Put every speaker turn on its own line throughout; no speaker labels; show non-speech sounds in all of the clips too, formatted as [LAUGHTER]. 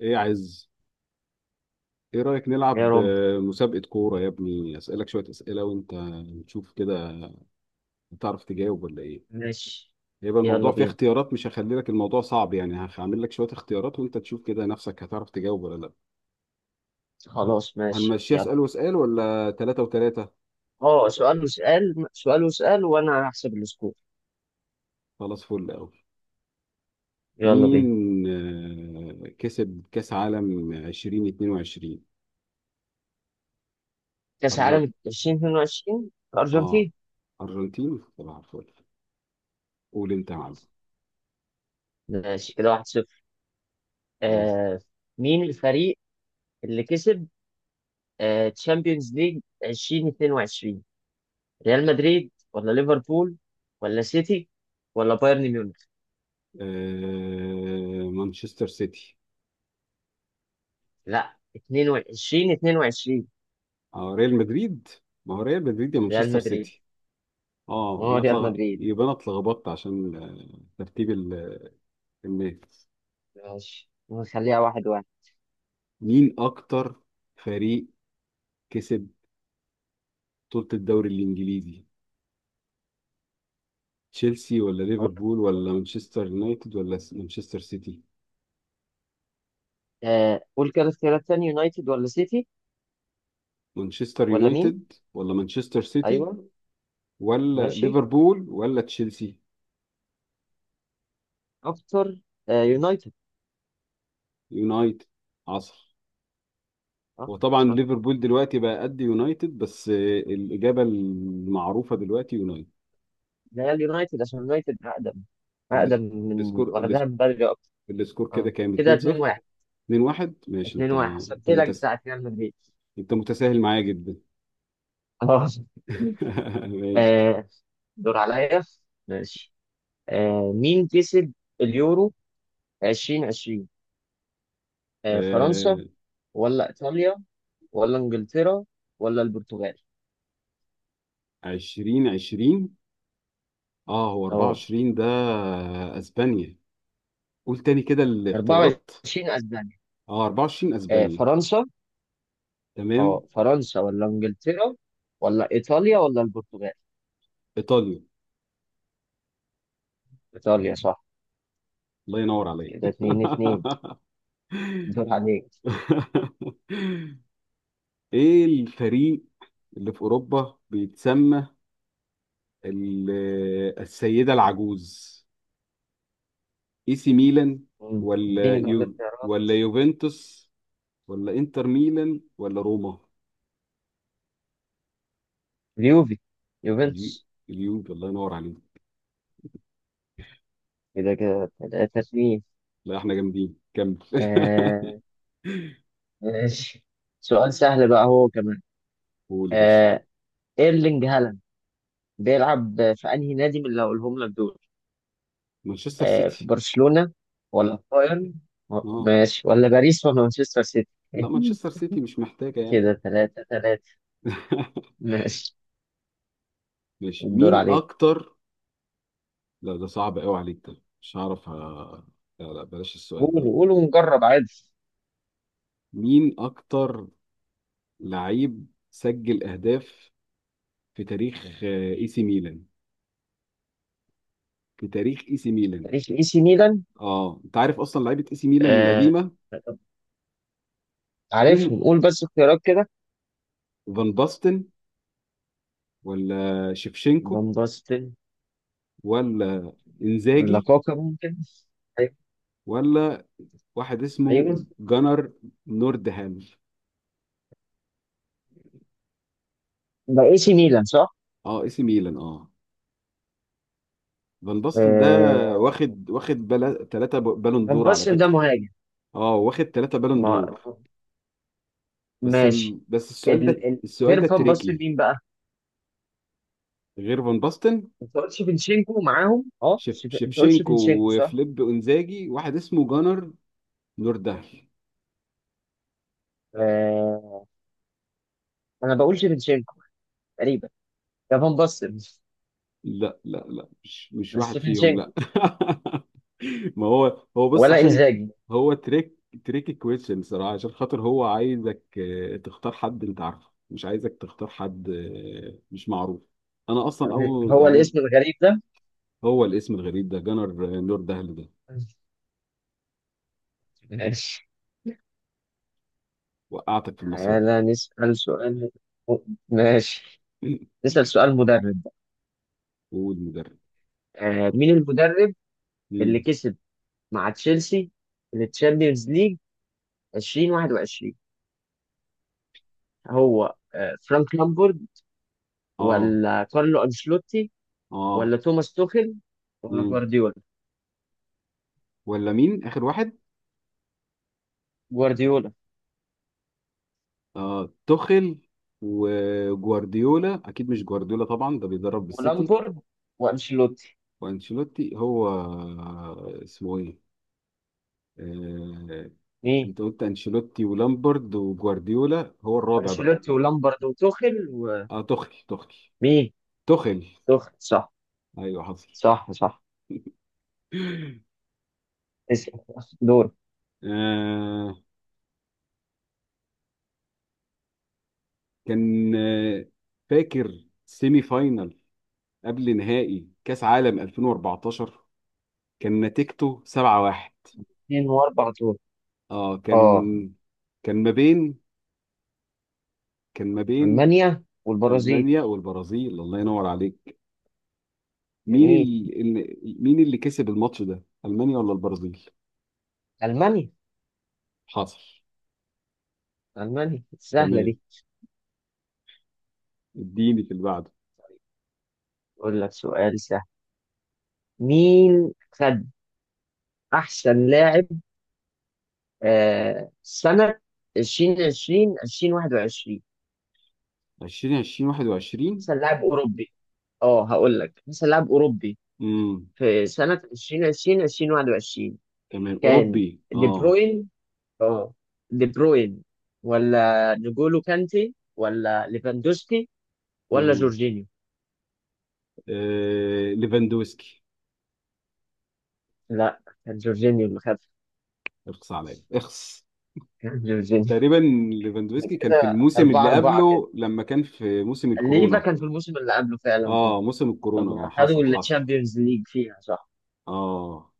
ايه عايز ايه رأيك
يا
نلعب
رب.
مسابقة كورة يا ابني، اسألك شوية أسئلة وانت نشوف كده تعرف تجاوب ولا ايه؟
ماشي،
هيبقى
يلا
الموضوع فيه
بينا.
اختيارات، مش هخلي لك الموضوع صعب يعني هعمل لك شوية اختيارات وانت تشوف كده نفسك هتعرف تجاوب ولا لا.
خلاص ماشي
هنمشيها
يلا.
اسأل واسأل ولا تلاتة وتلاتة؟
اه، سؤال وسؤال وانا هحسب السكور.
خلاص فل قوي.
يلا بينا.
مين كسب كأس عالم 2022؟
كاس
أرجن
عالم 2022،
اه
الارجنتين.
أرجنتين طبعا، فل. قول انت يا معلم.
ماشي كده، 1-0.
خلاص.
آه مين الفريق اللي كسب؟ تشامبيونز ليج 2022، ريال مدريد ولا ليفربول ولا سيتي ولا بايرن ميونخ؟
مانشستر سيتي.
لا، 22، 22
اه ريال مدريد. ما هو ريال مدريد يا
ريال
مانشستر
مدريد.
سيتي.
ما
اه
هو
انا
ريال
اتلغ،
مدريد.
يبقى انا اتلخبطت عشان ترتيب الناس.
ماشي نخليها واحد واحد.
مين اكتر فريق كسب بطولة الدوري الانجليزي؟ تشيلسي ولا ليفربول ولا مانشستر يونايتد ولا مانشستر سيتي.
قول كده اختيارات تاني، يونايتد ولا سيتي
مانشستر
ولا مين؟
يونايتد ولا مانشستر سيتي
ايوه
ولا
ماشي.
ليفربول ولا تشيلسي.
اكتر؟ يونايتد.
يونايتد عصر.
اه
وطبعا
صح،
ليفربول دلوقتي بقى قد يونايتد، بس الإجابة المعروفة دلوقتي يونايتد.
ريال يونايتد عشان يونايتد اقدم، اقدم
الس-
من،
السكور الس-
واخدها من بدري اكتر.
السكور كده
اه
كام؟
كده 2
2-0؟
1
2-1، ماشي.
2 1 حسبت لك بتاعت ريال مدريد.
انت متساهل معايا جدا.
[LAUGHS] خلاص.
[LAUGHS] ماشي.
آه دور عليا. ماشي. مين كسب اليورو 2020؟ فرنسا
آه...
ولا ايطاليا ولا انجلترا ولا البرتغال؟
20 20، اه هو
اه،
24 ده، اسبانيا. قول تاني كده الاختيارات.
24 اسبانيا.
اه 24 اسبانيا.
فرنسا. اه،
تمام.
فرنسا ولا انجلترا ولا ايطاليا ولا البرتغال؟
ايطاليا.
ايطاليا صح.
الله ينور
كده
عليك.
اتنين اتنين. دور عليك.
[LAUGHS] ايه الفريق اللي في اوروبا بيتسمى ال- السيدة العجوز؟ اي سي ميلان
مم.
ولا
اديني بقى
يو
الاختيارات.
ولا يوفنتوس ولا انتر ميلان ولا روما؟
اليوفي،
اليو،
يوفنتوس.
اليو، الله ينور عليك.
كده كده تلاتة اتنين.
لا احنا جامدين، كمل.
آه.
[LAUGHS]
ماشي. سؤال سهل بقى هو كمان.
قول يا باشا.
آه ايرلينج هالاند بيلعب في انهي نادي من اللي هقولهم لك دول؟
مانشستر
في
سيتي.
برشلونة ولا في بايرن
اه
ماشي، ولا باريس ولا مانشستر سيتي؟
لا
[LAUGHS]
مانشستر سيتي مش محتاجه يعني.
كده تلاتة تلاتة.
[LAUGHS]
ماشي،
ماشي.
الدور
مين
عليك.
اكتر؟ لا ده صعب قوي عليك ده، مش هعرف لا لا، بلاش السؤال ده.
قولوا قولوا ونجرب عادي.
مين اكتر لعيب سجل اهداف في تاريخ اي سي ميلان؟
تاريخ اي سي ميلان.
اه انت عارف اصلا لعيبه اي سي ميلان
آه
القديمه. فيهم
عارفهم، قول بس اختيارات كده.
فان باستن، ولا شيفشينكو،
فان باستن
ولا
ولا
انزاجي،
كاكا ممكن؟ أيوة.
ولا واحد اسمه
ايوه،
جنر نوردهام.
ده اي سي ميلان صح؟
اه اي سي ميلان اه. فان باستن ده
آه
تلاتة بالون
فان
دور على
باستن ده
فكره.
مهاجم.
اه واخد تلاتة بالون
ما
دور. بس
ماشي.
السؤال ده، السؤال
غير
ده
فان باستن
تريكي.
مين بقى؟
غير فان باستن،
انت قلت شيفنشينكو معاهم، اه. انت قلت
شيفشينكو
شيفنشينكو صح؟
وفليب انزاجي، واحد اسمه جنر نوردهام.
آه... انا بقول شيفنشينكو تقريبا، ده فان باستن.
لا لا لا مش
بس
واحد فيهم،
شيفنشينكو
لا. [LAUGHS] ما هو هو، بص،
ولا
عشان
انزاجي؟
هو تريك، تريك كويشن صراحة، عشان خاطر هو عايزك تختار حد انت عارفه، مش عايزك تختار حد مش معروف. انا اصلا
يعني
اول
هو
يعني
الاسم الغريب ده.
هو الاسم الغريب ده جنر نور دهل ده،
ماشي.
وقعتك في المصيدة.
تعالى نسأل سؤال. ماشي، نسأل
[LAUGHS]
سؤال مدرب بقى.
والمدرب.
مين المدرب اللي
مم.
كسب مع تشيلسي التشامبيونز ليج 2021؟ هو فرانك لامبورد
اه
ولا كارلو أنشيلوتي
اه
ولا توماس توخيل ولا
مم.
جوارديولا؟
ولا مين اخر واحد؟
جوارديولا
اه توخيل وجوارديولا، اكيد مش جوارديولا طبعا ده بيدرب بالسيتي.
ولامبورد وأنشيلوتي.
وانشيلوتي. هو اسمه ايه؟ آه...
مين؟
انت قلت انشيلوتي ولامبرد وجوارديولا، هو الرابع بقى.
أنشيلوتي ولامبورد وتوخيل.
اه توخيل
ومين؟
توخيل.
توخيل صح.
ايوه حصل.
صح صح. اسأل، دور.
آه... كان آه، فاكر سيمي فاينل قبل نهائي كاس عالم 2014؟ كان نتيجته 7-1.
اتنين واربع دور،
اه كان
اه.
كان ما بين كان ما بين
ألمانيا والبرازيل.
المانيا والبرازيل. الله ينور عليك. مين
جميل،
مين اللي كسب الماتش ده، المانيا ولا البرازيل؟
ألمانيا.
حصل.
ألمانيا سهلة
تمام،
دي.
اديني في اللي بعده.
طيب، أقول لك سؤال سهل. مين خد أحسن لاعب سنة 2020 2021؟
20 20 21.
أحسن لاعب أوروبي. أه، هقول لك أحسن لاعب أوروبي
امم،
في سنة 2020 2021.
تمام،
كان
اوروبي
دي
اه.
بروين. أه دي بروين ولا نجولو كانتي ولا ليفاندوسكي ولا
امم.
جورجينيو؟
آه... ليفاندوسكي.
لا، كان جورجينيو اللي خد.
اخص عليا اخص.
كان جورجينيو.
تقريبا ليفاندوسكي
[LAUGHS]
كان في
كده
الموسم
أربعة
اللي
أربعة.
قبله، لما كان في موسم
ليفا
الكورونا.
كان في الموسم اللي قبله فعلا، اه،
اه موسم الكورونا، اه،
لما
حصل
خدوا
حصل
الشامبيونز ليج فيها صح.
اه.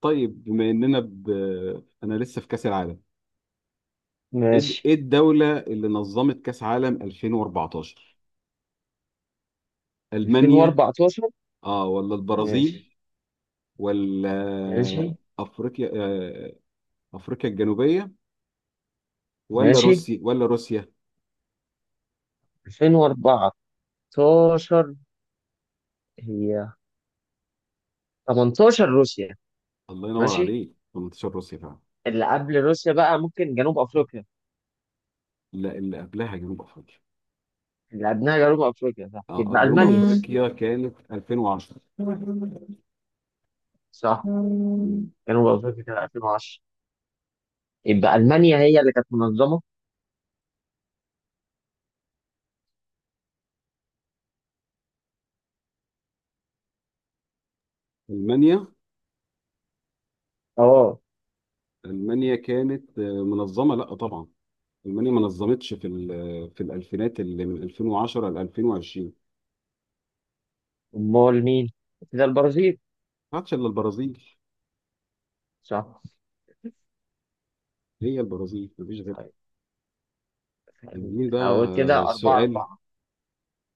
طيب، بما اننا انا لسه في كاس العالم، ايه
ماشي،
إيه الدولة اللي نظمت كأس عالم 2014؟ ألمانيا،
2014.
اه، ولا
ماشي
البرازيل، ولا
ماشي
افريقيا افريقيا الجنوبية، ولا
ماشي.
روسيا.
2014 هي 18، روسيا.
الله ينور
ماشي.
عليك، 18 روسيا فعلا.
اللي قبل روسيا بقى ممكن جنوب افريقيا.
لا اللي قبلها جنوب افريقيا.
اللي قبلها جنوب افريقيا صح،
اه
يبقى
جنوب
المانيا.
افريقيا كانت 2010.
صح، جنوب افريقيا كانت 2010. يبقى المانيا هي اللي كانت منظمه.
ألمانيا.
اه،
ألمانيا كانت منظمة، لا طبعا ألمانيا ما نظمتش في في الألفينات اللي من 2010 ل 2020.
امال مين؟ كده البرازيل.
ما عادش إلا البرازيل.
صح.
هي البرازيل مفيش غيرها.
طيب.
عايزين بقى
هقول كده أربعة
سؤال.
أربعة.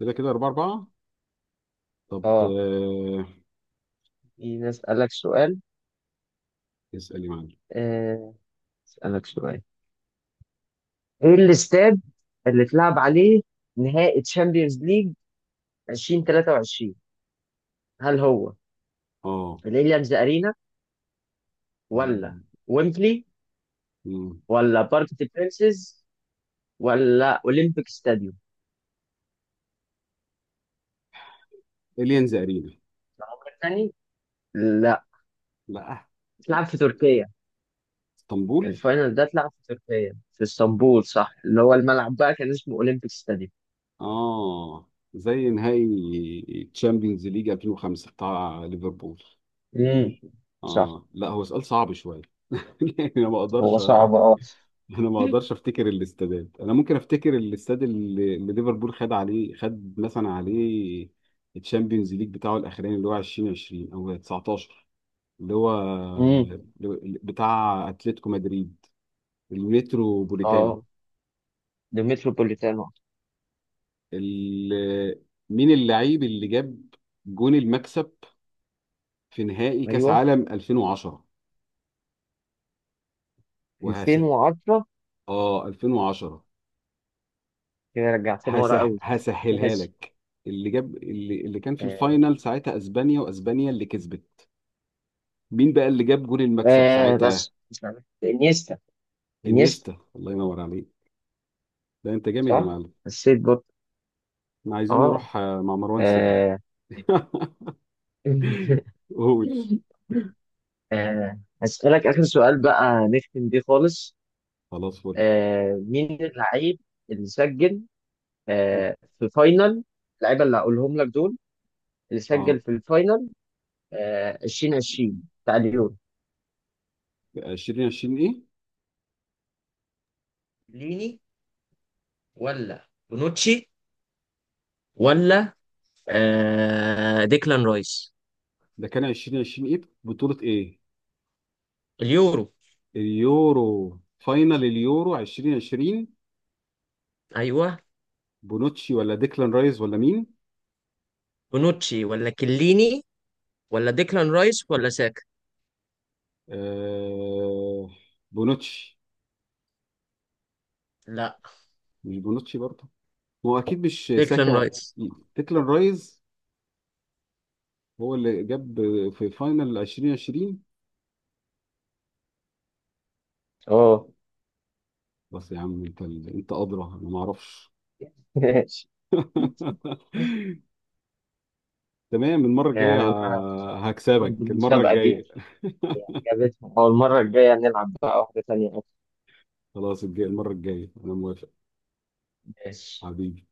كده كده أربعة أربعة. طب
اه، خليني أسألك سؤال.
اسأل يا معلم.
آه، أسألك سؤال. إيه الاستاد اللي اتلعب عليه نهائي تشامبيونز ليج 2023؟ هل هو
اه
الإليانز أرينا ولا ويمبلي ولا بارك دي برينسز ولا أولمبيك ستاديوم؟
إليانز أرينا.
العمر تاني. لا.
لا
اتلعب في تركيا.
اسطنبول.
الفاينل ده اتلعب في تركيا في اسطنبول صح، اللي هو الملعب بقى كان اسمه أولمبيك ستاديوم.
اه زي نهائي تشامبيونز ليج 2005 بتاع ليفربول.
امم. صح.
اه لا هو سؤال صعب شوية. [LAUGHS] يعني أنا ما
هو
أقدرش،
صعب اه.
أنا ما أقدرش أفتكر الاستادات، أنا ممكن أفتكر الاستاد اللي ليفربول خد عليه، خد مثلا عليه التشامبيونز ليج بتاعه الأخراني اللي هو 2020 أو 19، اللي هو
امم.
بتاع اتلتيكو مدريد، المترو بوليتانو.
اه ده متروبوليتانو.
ال- مين اللعيب اللي جاب جون المكسب في نهائي كاس
ايوه
عالم 2010؟ وهس
2010.
اه 2010.
كده رجعتني ورا
هسه
قوي.
هسهلها
ماشي.
لك، اللي جاب اللي كان في
آه.
الفاينل ساعتها اسبانيا، واسبانيا اللي كسبت. مين بقى اللي جاب جون المكسب ساعتها؟
بس مش عارف. انيستا. انيستا.
انيستا، الله ينور عليك، ده انت جامد يا
صح.
معلم.
حسيت برضه.
احنا
اه.
عايزين نروح مع مروان سري.
آه.
[LAUGHS]
[LAUGHS]
قول.
هسألك آخر سؤال بقى نختم بيه خالص.
خلاص فل.
مين اللعيب اللي سجل في فاينل اللعيبة اللي هقولهم لك دول اللي سجل
اه
في الفاينل 2020 بتاع اليورو؟
2020 ايه؟
ليني ولا بونوتشي ولا ديكلان رايس؟
ده كان 2020 ايه، بطولة ايه؟
اليورو،
اليورو. فاينل اليورو 2020.
ايوه.
بونوتشي ولا ديكلان رايز ولا مين؟
بونوتشي ولا كليني ولا ديكلان رايس ولا ساكا؟
آه بونوتشي.
لا،
مش بونوتشي برضه. ما هو اكيد مش
ديكلان
ساكا.
رايس.
ديكلان رايز هو اللي جاب في فاينل 2020.
اه.
بس يا عم انت، انت ادرى انا ما اعرفش.
[LAUGHS] ماشي. يعني
[LAUGHS] تمام، المرة الجاية
أنا اتبسطت
هكسبك المرة
بالمسابقة دي،
الجاية.
عجبتني. أول مرة الجاية نلعب بقى واحدة تانية أكتر.
خلاص الجاي المرة الجاية أنا موافق.
ماشي.
حبيبي.